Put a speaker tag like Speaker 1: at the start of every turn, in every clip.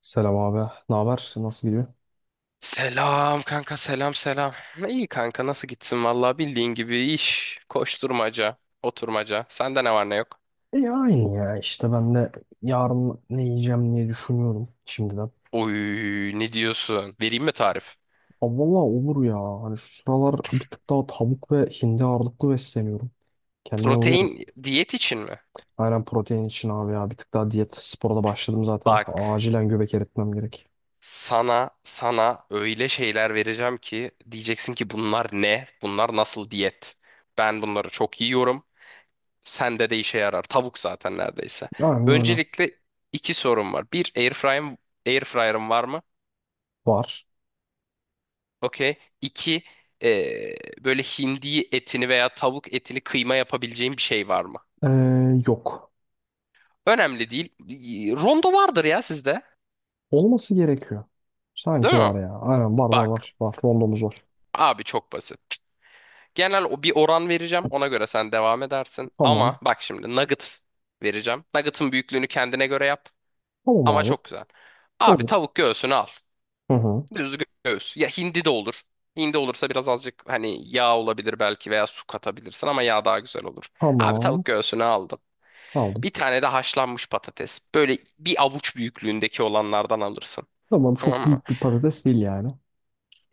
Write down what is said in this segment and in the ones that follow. Speaker 1: Selam abi. Ne haber? Nasıl gidiyor?
Speaker 2: Selam kanka selam selam. İyi kanka nasıl gitsin vallahi bildiğin gibi iş, koşturmaca, oturmaca. Sende ne var ne yok?
Speaker 1: İyi aynı ya işte ben de yarın ne yiyeceğim diye düşünüyorum şimdiden.
Speaker 2: Oy ne diyorsun? Vereyim mi tarif?
Speaker 1: Aa, valla olur ya. Hani şu sıralar bir tık daha tavuk ve hindi ağırlıklı besleniyorum. Kendime bugün
Speaker 2: Protein diyet için mi?
Speaker 1: aynen protein için abi ya. Bir tık daha diyet spora da başladım zaten.
Speaker 2: Bak
Speaker 1: Acilen göbek eritmem gerek.
Speaker 2: sana öyle şeyler vereceğim ki diyeceksin ki bunlar ne? Bunlar nasıl diyet? Ben bunları çok yiyorum. Sende de işe yarar. Tavuk zaten neredeyse.
Speaker 1: Aynen öyle.
Speaker 2: Öncelikle iki sorum var. Bir airfryer'ım var mı?
Speaker 1: Var.
Speaker 2: Okey. İki, eee, böyle hindi etini veya tavuk etini kıyma yapabileceğim bir şey var mı?
Speaker 1: Ee, Yok.
Speaker 2: Önemli değil. Rondo vardır ya sizde.
Speaker 1: Olması gerekiyor. Sanki
Speaker 2: Değil mi?
Speaker 1: var ya. Aynen var
Speaker 2: Bak.
Speaker 1: var. Var. Rondomuz var.
Speaker 2: Abi çok basit. Genel o bir oran vereceğim. Ona göre sen devam edersin. Ama
Speaker 1: Tamam.
Speaker 2: bak şimdi nugget vereceğim. Nugget'ın büyüklüğünü kendine göre yap.
Speaker 1: Tamam
Speaker 2: Ama
Speaker 1: abi.
Speaker 2: çok güzel. Abi
Speaker 1: Olur.
Speaker 2: tavuk göğsünü al.
Speaker 1: Hı hı.
Speaker 2: Düz göğüs. Ya hindi de olur. Hindi olursa biraz azıcık hani yağ olabilir belki veya su katabilirsin ama yağ daha güzel olur. Abi
Speaker 1: Tamam.
Speaker 2: tavuk göğsünü aldın.
Speaker 1: Aldım.
Speaker 2: Bir tane de haşlanmış patates. Böyle bir avuç büyüklüğündeki olanlardan alırsın.
Speaker 1: Tamam, çok
Speaker 2: Tamam mı?
Speaker 1: büyük bir patates değil yani.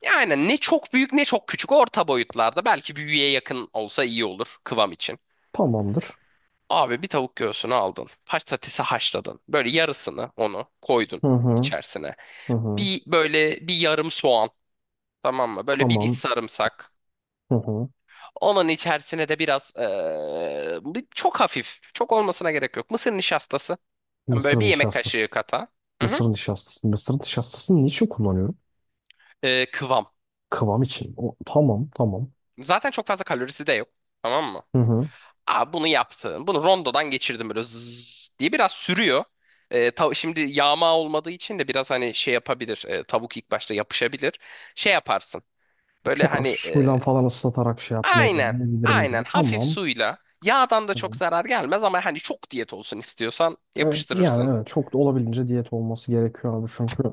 Speaker 2: Yani ne çok büyük ne çok küçük orta boyutlarda. Belki büyüye yakın olsa iyi olur kıvam için.
Speaker 1: Tamamdır.
Speaker 2: Abi bir tavuk göğsünü aldın. Patatesi haşladın. Böyle yarısını onu koydun
Speaker 1: Hı hı.
Speaker 2: içerisine.
Speaker 1: Hı hı.
Speaker 2: Bir böyle bir yarım soğan. Tamam mı? Böyle bir diş
Speaker 1: Tamam.
Speaker 2: sarımsak.
Speaker 1: Hı hı.
Speaker 2: Onun içerisine de biraz çok hafif. Çok olmasına gerek yok. Mısır nişastası. Yani böyle
Speaker 1: Mısır
Speaker 2: bir yemek
Speaker 1: nişastası.
Speaker 2: kaşığı kata. Hı hı.
Speaker 1: Mısır nişastası. Mısır nişastasını niçin kullanıyorum?
Speaker 2: Kıvam.
Speaker 1: Kıvam için. O, tamam.
Speaker 2: Zaten çok fazla kalorisi de yok. Tamam mı?
Speaker 1: Hı hı.
Speaker 2: Aa, bunu yaptım. Bunu rondodan geçirdim böyle zzz diye biraz sürüyor. Şimdi yağma olmadığı için de biraz hani şey yapabilir. Tavuk ilk başta yapışabilir. Şey yaparsın. Böyle
Speaker 1: Çok hafif
Speaker 2: hani
Speaker 1: suyla falan ıslatarak şey yapmayı
Speaker 2: aynen
Speaker 1: deneyebilirim gibi.
Speaker 2: aynen hafif
Speaker 1: Tamam.
Speaker 2: suyla yağdan da çok
Speaker 1: Tamam.
Speaker 2: zarar gelmez ama hani çok diyet olsun istiyorsan
Speaker 1: Evet, yani
Speaker 2: yapıştırırsın.
Speaker 1: evet çok da olabildiğince diyet olması gerekiyor abi çünkü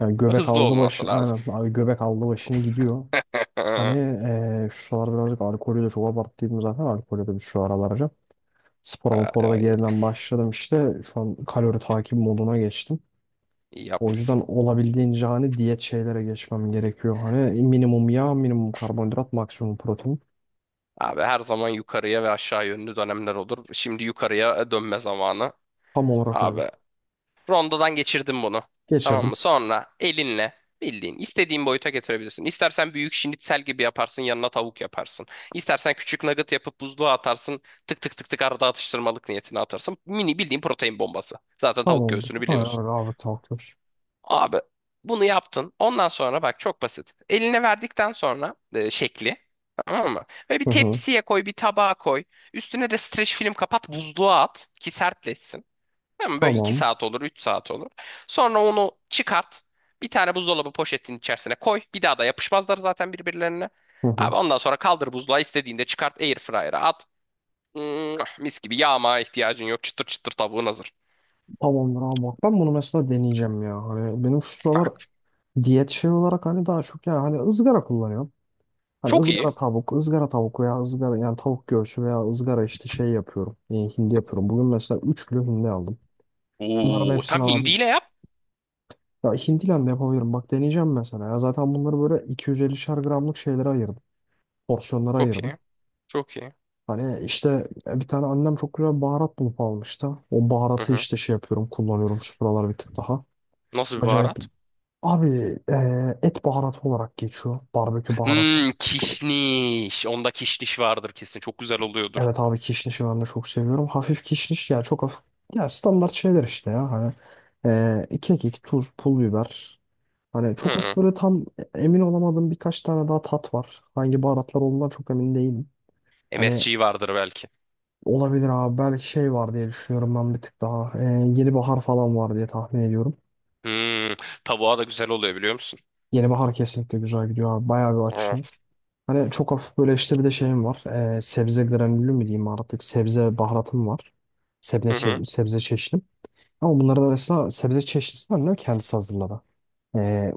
Speaker 1: yani göbek
Speaker 2: Hızlı
Speaker 1: aldı
Speaker 2: olması
Speaker 1: başı,
Speaker 2: lazım.
Speaker 1: aynen abi, göbek aldı başını gidiyor. Hani
Speaker 2: Ay,
Speaker 1: şu sıralar birazcık alkolü de çok abarttıydım zaten, alkolü de şu aralar. Spora mapora da
Speaker 2: ay,
Speaker 1: yeniden başladım işte. Şu an kalori takip moduna geçtim.
Speaker 2: iyi
Speaker 1: O
Speaker 2: yapmışsın.
Speaker 1: yüzden olabildiğince hani diyet şeylere geçmem gerekiyor. Hani minimum yağ, minimum karbonhidrat, maksimum protein.
Speaker 2: Abi her zaman yukarıya ve aşağı yönlü dönemler olur. Şimdi yukarıya dönme zamanı.
Speaker 1: Tam olarak
Speaker 2: Abi
Speaker 1: öyle.
Speaker 2: rondodan geçirdim bunu. Tamam
Speaker 1: Geçirdim.
Speaker 2: mı? Sonra elinle bildiğin istediğin boyuta getirebilirsin. İstersen büyük şinitsel gibi yaparsın, yanına tavuk yaparsın. İstersen küçük nugget yapıp buzluğa atarsın. Tık tık tık tık arada atıştırmalık niyetine atarsın. Mini bildiğin protein bombası. Zaten tavuk
Speaker 1: Tamamdır.
Speaker 2: göğsünü
Speaker 1: Ha,
Speaker 2: biliyorsun.
Speaker 1: abi takdir.
Speaker 2: Abi bunu yaptın. Ondan sonra bak çok basit. Eline verdikten sonra şekli. Tamam mı? Ve bir
Speaker 1: Hı hı.
Speaker 2: tepsiye koy, bir tabağa koy. Üstüne de streç film kapat, buzluğa at ki sertleşsin. Tamam, böyle 2
Speaker 1: Tamam.
Speaker 2: saat olur, 3 saat olur. Sonra onu çıkart. Bir tane buzdolabı poşetinin içerisine koy. Bir daha da yapışmazlar zaten birbirlerine.
Speaker 1: Hı hı.
Speaker 2: Abi ondan sonra kaldır buzluğa, istediğinde çıkart airfryer'a at. Mis gibi, yağmaya ihtiyacın yok. Çıtır çıtır tavuğun hazır.
Speaker 1: Tamamdır abi, bak ben bunu mesela deneyeceğim ya. Hani benim şu sıralar
Speaker 2: Bak,
Speaker 1: diyet şey olarak hani daha çok ya hani ızgara kullanıyorum. Hani
Speaker 2: çok iyi.
Speaker 1: ızgara tavuk, ızgara tavuk veya ızgara yani tavuk göğsü veya ızgara işte şey yapıyorum. Hindi yapıyorum. Bugün mesela 3 kilo hindi aldım. Bunların
Speaker 2: Oo, tam
Speaker 1: hepsini aldım.
Speaker 2: hindiyle yap.
Speaker 1: Ya hindiyle de yapabilirim. Bak deneyeceğim mesela. Ya zaten bunları böyle 250'şer gramlık şeylere ayırdım. Porsiyonlara
Speaker 2: Çok
Speaker 1: ayırdım.
Speaker 2: iyi. Çok iyi.
Speaker 1: Hani işte bir tane annem çok güzel baharat bulup almıştı. O
Speaker 2: Hı
Speaker 1: baharatı
Speaker 2: hı.
Speaker 1: işte şey yapıyorum, kullanıyorum şu sıralar bir tık daha.
Speaker 2: Nasıl bir
Speaker 1: Acayip.
Speaker 2: baharat?
Speaker 1: Abi et baharatı olarak geçiyor. Barbekü baharatı.
Speaker 2: Hmm, kişniş. Onda kişniş vardır kesin. Çok güzel oluyordur.
Speaker 1: Evet abi, kişnişi ben de çok seviyorum. Hafif kişniş ya, çok hafif. Ya standart şeyler işte ya hani iki kekik, tuz, pul biber. Hani
Speaker 2: Hı
Speaker 1: çok hafif
Speaker 2: hı.
Speaker 1: böyle tam emin olamadığım birkaç tane daha tat var. Hangi baharatlar olduğundan çok emin değilim. Hani
Speaker 2: MSG vardır belki.
Speaker 1: olabilir abi, belki şey var diye düşünüyorum ben bir tık daha. Yeni bahar falan var diye tahmin ediyorum.
Speaker 2: Hmm, tavuğa da güzel oluyor, biliyor musun?
Speaker 1: Yeni bahar kesinlikle güzel gidiyor abi. Bayağı bir açıyor.
Speaker 2: Evet.
Speaker 1: Hani çok hafif böyle işte bir de şeyim var. Sebze granülü mü diyeyim, artık sebze baharatım var. Sebze,
Speaker 2: Hı hı.
Speaker 1: sebze çeşidim. Ama bunların arasında sebze çeşitlisinden de kendisi hazırladı. Ee,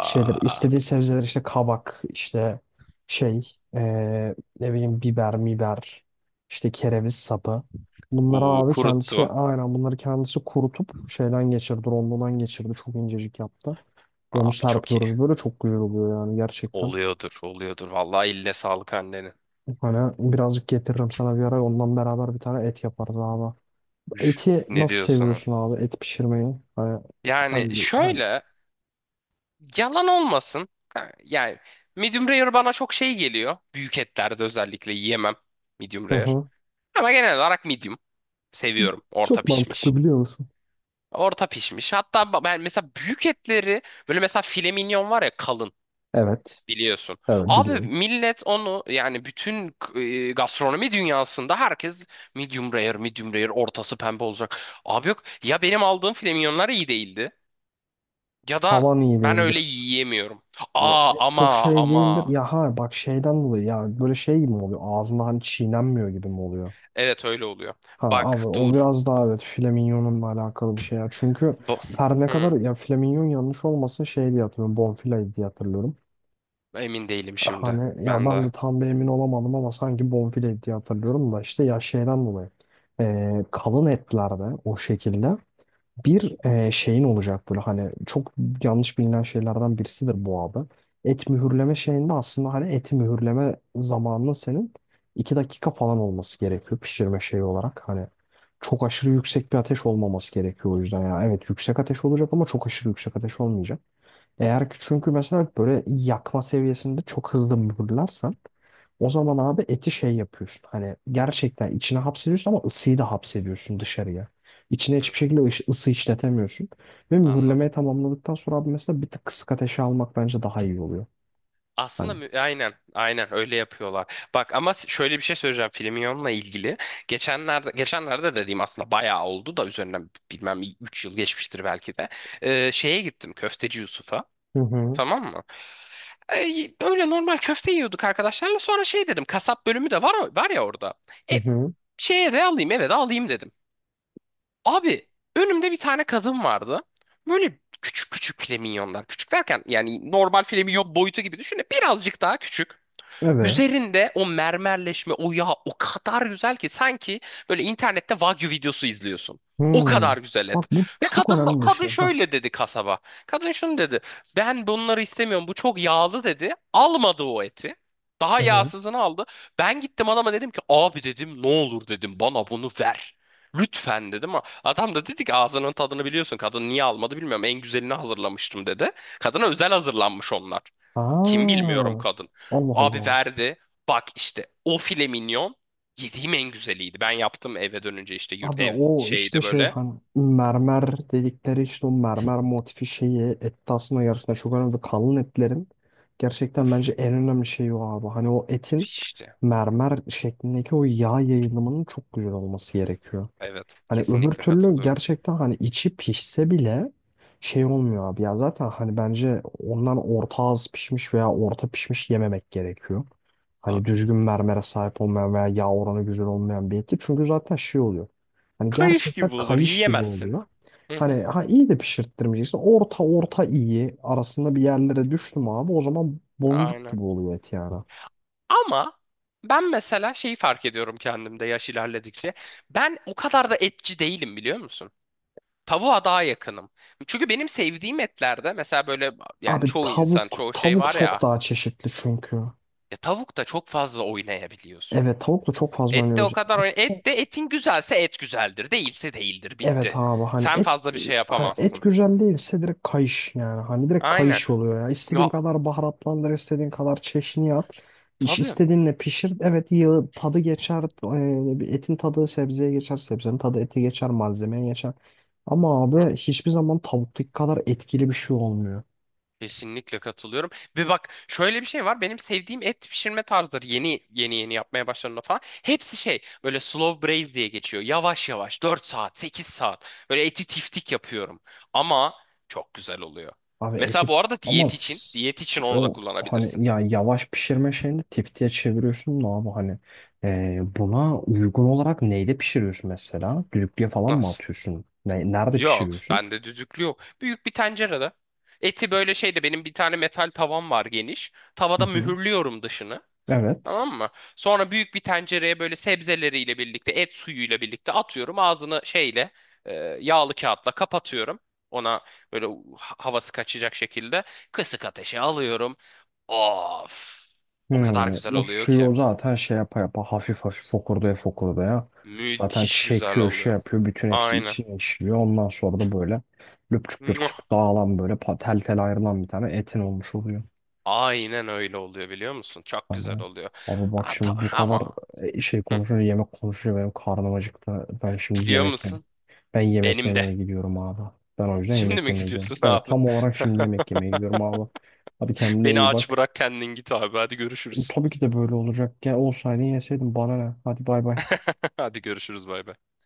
Speaker 1: Şeyler istediği sebzeler işte kabak, işte şey ne bileyim biber miber, işte kereviz sapı. Bunları
Speaker 2: uu,
Speaker 1: abi kendisi,
Speaker 2: kuruttu.
Speaker 1: aynen bunları kendisi kurutup şeyden geçirdi, rondodan geçirdi, çok incecik yaptı. Onu
Speaker 2: Abi çok iyi.
Speaker 1: serpiyoruz, böyle çok güzel oluyor yani gerçekten.
Speaker 2: Oluyordur, oluyordur. Vallahi eline sağlık annenin.
Speaker 1: Hani birazcık getiririm sana bir ara, ondan beraber bir tane et yaparız abi.
Speaker 2: Üf,
Speaker 1: Eti
Speaker 2: ne
Speaker 1: nasıl
Speaker 2: diyorsun?
Speaker 1: seviyorsun abi, et pişirmeyi? Hani
Speaker 2: Yani
Speaker 1: hangi?
Speaker 2: şöyle, yalan olmasın. Ha, yani medium rare bana çok şey geliyor. Büyük etlerde özellikle yiyemem medium
Speaker 1: Hı
Speaker 2: rare.
Speaker 1: hı.
Speaker 2: Ama genel olarak medium. Seviyorum. Orta
Speaker 1: Çok
Speaker 2: pişmiş.
Speaker 1: mantıklı biliyor musun?
Speaker 2: Orta pişmiş. Hatta ben mesela büyük etleri, böyle mesela file mignon var ya kalın.
Speaker 1: Evet.
Speaker 2: Biliyorsun.
Speaker 1: Evet,
Speaker 2: Abi
Speaker 1: biliyorum.
Speaker 2: millet onu, yani bütün gastronomi dünyasında herkes medium rare, medium rare, ortası pembe olacak. Abi yok ya, benim aldığım filmyonlar iyi değildi ya da
Speaker 1: Havan iyi
Speaker 2: ben öyle
Speaker 1: değildir.
Speaker 2: yiyemiyorum.
Speaker 1: E, e,
Speaker 2: Aa,
Speaker 1: Çok
Speaker 2: ama
Speaker 1: şey değildir.
Speaker 2: ama.
Speaker 1: Ya ha bak, şeyden dolayı ya böyle şey gibi mi oluyor? Ağzında hani çiğnenmiyor gibi mi oluyor?
Speaker 2: Evet, öyle oluyor.
Speaker 1: Ha abi,
Speaker 2: Bak
Speaker 1: o
Speaker 2: dur.
Speaker 1: biraz daha evet filaminyonunla alakalı bir şey ya. Çünkü
Speaker 2: Bu.
Speaker 1: her ne kadar
Speaker 2: Hı,
Speaker 1: ya flaminyon yanlış olmasın, şey diye hatırlıyorum. Bonfile diye hatırlıyorum.
Speaker 2: emin değilim şimdi.
Speaker 1: Hani ya
Speaker 2: Ben
Speaker 1: ben
Speaker 2: de.
Speaker 1: de tam bir emin olamadım ama sanki bonfile diye hatırlıyorum da, işte ya şeyden dolayı. Kalın etlerde o şekilde. Bir şeyin olacak, böyle hani çok yanlış bilinen şeylerden birisidir bu abi. Et mühürleme şeyinde aslında hani eti mühürleme zamanının senin 2 dakika falan olması gerekiyor pişirme şeyi olarak. Hani çok aşırı yüksek bir ateş olmaması gerekiyor o yüzden ya. Evet yüksek ateş olacak ama çok aşırı yüksek ateş olmayacak. Eğer ki çünkü mesela böyle yakma seviyesinde çok hızlı mühürlersen, o zaman abi eti şey yapıyorsun. Hani gerçekten içine hapsediyorsun ama ısıyı da hapsediyorsun dışarıya. İçine
Speaker 2: Hı,
Speaker 1: hiçbir şekilde ısı işletemiyorsun. Ve mühürlemeyi
Speaker 2: anladım.
Speaker 1: tamamladıktan sonra abi mesela bir tık kısık ateşe almak bence daha iyi oluyor. Hani.
Speaker 2: Aslında aynen aynen öyle yapıyorlar. Bak ama şöyle bir şey söyleyeceğim Filmion'la ilgili. Geçenlerde dediğim aslında bayağı oldu da, üzerinden bilmem 3 yıl geçmiştir belki de. Şeye gittim, Köfteci Yusuf'a.
Speaker 1: Hı hı.
Speaker 2: Tamam mı? Öyle normal köfte yiyorduk arkadaşlarla. Sonra şey dedim, kasap bölümü de var ya orada.
Speaker 1: Hı
Speaker 2: E,
Speaker 1: hı.
Speaker 2: şeye de alayım, eve de alayım dedim. Abi önümde bir tane kadın vardı. Böyle küçük küçük flamingonlar. Küçük derken yani normal flamingon boyutu gibi düşünün. Birazcık daha küçük.
Speaker 1: Evet.
Speaker 2: Üzerinde o mermerleşme, o yağ o kadar güzel ki sanki böyle internette Wagyu videosu izliyorsun. O
Speaker 1: Hmm.
Speaker 2: kadar güzel et.
Speaker 1: Bak, bu
Speaker 2: Ve
Speaker 1: çok
Speaker 2: kadın
Speaker 1: önemli bir
Speaker 2: kadın
Speaker 1: şey. Hah.
Speaker 2: şöyle dedi kasaba. Kadın şunu dedi. Ben bunları istemiyorum. Bu çok yağlı dedi. Almadı o eti. Daha
Speaker 1: Evet.
Speaker 2: yağsızını aldı. Ben gittim adama dedim ki abi dedim, ne olur dedim, bana bunu ver. Lütfen dedim ama adam da dedi ki ağzının tadını biliyorsun, kadın niye almadı bilmiyorum, en güzelini hazırlamıştım dedi. Kadına özel hazırlanmış onlar. Kim bilmiyorum
Speaker 1: Aa,
Speaker 2: kadın.
Speaker 1: Allah
Speaker 2: Abi
Speaker 1: Allah.
Speaker 2: verdi. Bak işte o file minyon yediğim en güzeliydi. Ben yaptım eve dönünce, işte yurt
Speaker 1: Abi
Speaker 2: ev
Speaker 1: o işte
Speaker 2: şeyde
Speaker 1: şey
Speaker 2: böyle.
Speaker 1: hani mermer dedikleri işte o mermer motifi şeyi etti aslında, yarısında çok önemli. Kalın etlerin gerçekten bence en önemli şeyi o abi. Hani o etin
Speaker 2: Müthiş işte.
Speaker 1: mermer şeklindeki o yağ yayılımının çok güzel olması gerekiyor.
Speaker 2: Evet,
Speaker 1: Hani öbür
Speaker 2: kesinlikle
Speaker 1: türlü
Speaker 2: katılıyorum.
Speaker 1: gerçekten hani içi pişse bile şey olmuyor abi. Ya zaten hani bence ondan orta az pişmiş veya orta pişmiş yememek gerekiyor. Hani
Speaker 2: Abi
Speaker 1: düzgün mermere sahip olmayan veya yağ oranı güzel olmayan bir eti. Çünkü zaten şey oluyor. Hani
Speaker 2: kayış
Speaker 1: gerçekten
Speaker 2: gibi olur,
Speaker 1: kayış gibi
Speaker 2: yiyemezsin.
Speaker 1: oluyor.
Speaker 2: Hı hı,
Speaker 1: Hani ha, iyi de pişirttirmeyeceksin. Orta, orta iyi arasında bir yerlere düştüm abi. O zaman boncuk
Speaker 2: aynen.
Speaker 1: gibi oluyor et yani.
Speaker 2: Ama ben mesela şeyi fark ediyorum kendimde yaş ilerledikçe. Ben o kadar da etçi değilim, biliyor musun? Tavuğa daha yakınım. Çünkü benim sevdiğim etlerde mesela böyle, yani
Speaker 1: Abi
Speaker 2: çoğu insan,
Speaker 1: tavuk
Speaker 2: çoğu şey
Speaker 1: tavuk
Speaker 2: var
Speaker 1: çok
Speaker 2: ya.
Speaker 1: daha çeşitli çünkü.
Speaker 2: Ya tavukta çok fazla oynayabiliyorsun.
Speaker 1: Evet, tavukla çok fazla
Speaker 2: Et de o
Speaker 1: oynuyoruz.
Speaker 2: kadar oyn- et de etin güzelse et güzeldir, değilse değildir,
Speaker 1: Evet
Speaker 2: bitti.
Speaker 1: abi hani
Speaker 2: Sen
Speaker 1: et
Speaker 2: fazla bir şey
Speaker 1: hani et
Speaker 2: yapamazsın.
Speaker 1: güzel değilse direkt kayış yani. Hani direkt
Speaker 2: Aynen.
Speaker 1: kayış oluyor ya. İstediğin
Speaker 2: Ya,
Speaker 1: kadar baharatlandır, istediğin kadar çeşniye at. İş
Speaker 2: tabii.
Speaker 1: istediğinle pişir. Evet, yağı tadı geçer. Bir etin tadı sebzeye geçer. Sebzenin tadı ete geçer. Malzemeye geçer. Ama
Speaker 2: Hı,
Speaker 1: abi hiçbir zaman tavuktaki kadar etkili bir şey olmuyor.
Speaker 2: kesinlikle katılıyorum. Ve bak şöyle bir şey var. Benim sevdiğim et pişirme tarzları yeni yeni yapmaya başladığımda falan. Hepsi şey böyle slow braise diye geçiyor. Yavaş yavaş dört saat 8 saat böyle eti tiftik yapıyorum. Ama çok güzel oluyor.
Speaker 1: Abi
Speaker 2: Mesela
Speaker 1: eti
Speaker 2: bu arada
Speaker 1: ama
Speaker 2: diyet için
Speaker 1: s-
Speaker 2: diyet için onu da
Speaker 1: o
Speaker 2: kullanabilirsin.
Speaker 1: hani ya yavaş pişirme şeyini tiftiye çeviriyorsun da abi hani buna uygun olarak neyde pişiriyorsun mesela? Düdüklüye falan mı
Speaker 2: Nasıl?
Speaker 1: atıyorsun? Nerede
Speaker 2: Yok,
Speaker 1: pişiriyorsun?
Speaker 2: bende düdüklü yok. Büyük bir tencerede. Eti böyle şeyde, benim bir tane metal tavam var geniş.
Speaker 1: Hı
Speaker 2: Tavada
Speaker 1: hı.
Speaker 2: mühürlüyorum dışını.
Speaker 1: Evet.
Speaker 2: Tamam mı? Sonra büyük bir tencereye böyle sebzeleriyle birlikte, et suyuyla birlikte atıyorum. Ağzını şeyle, e, yağlı kağıtla kapatıyorum. Ona böyle havası kaçacak şekilde kısık ateşe alıyorum. Of! O kadar
Speaker 1: Hmm,
Speaker 2: güzel
Speaker 1: o
Speaker 2: oluyor
Speaker 1: suyu
Speaker 2: ki.
Speaker 1: o zaten şey yapa yapa hafif hafif fokurdaya fokurdaya zaten
Speaker 2: Müthiş güzel
Speaker 1: çekiyor, şey
Speaker 2: oluyor.
Speaker 1: yapıyor, bütün hepsi
Speaker 2: Aynen.
Speaker 1: içine işliyor. Ondan sonra da böyle löpçük löpçük dağılan, böyle tel tel ayrılan bir tane etin olmuş oluyor.
Speaker 2: Aynen öyle oluyor, biliyor musun? Çok
Speaker 1: Hani,
Speaker 2: güzel oluyor.
Speaker 1: abi bak
Speaker 2: Ha,
Speaker 1: şimdi bu
Speaker 2: ta-
Speaker 1: kadar
Speaker 2: ama
Speaker 1: şey
Speaker 2: hı,
Speaker 1: konuşuyor, yemek konuşuyor, benim karnım acıktı. Ben şimdi
Speaker 2: biliyor
Speaker 1: yemek yemek.
Speaker 2: musun?
Speaker 1: Ben yemek
Speaker 2: Benim de.
Speaker 1: yemeye gidiyorum abi. Ben o yüzden
Speaker 2: Şimdi
Speaker 1: yemek
Speaker 2: mi
Speaker 1: yemeye gidiyorum.
Speaker 2: gidiyorsun
Speaker 1: Evet,
Speaker 2: abi?
Speaker 1: tam olarak şimdi yemek yemeye gidiyorum abi. Hadi kendine
Speaker 2: Beni
Speaker 1: iyi
Speaker 2: aç
Speaker 1: bak.
Speaker 2: bırak kendin git abi. Hadi görüşürüz.
Speaker 1: Tabii ki de böyle olacak. Gel olsaydı, yeseydin, bana ne? Hadi bay bay.
Speaker 2: Hadi görüşürüz bay bay.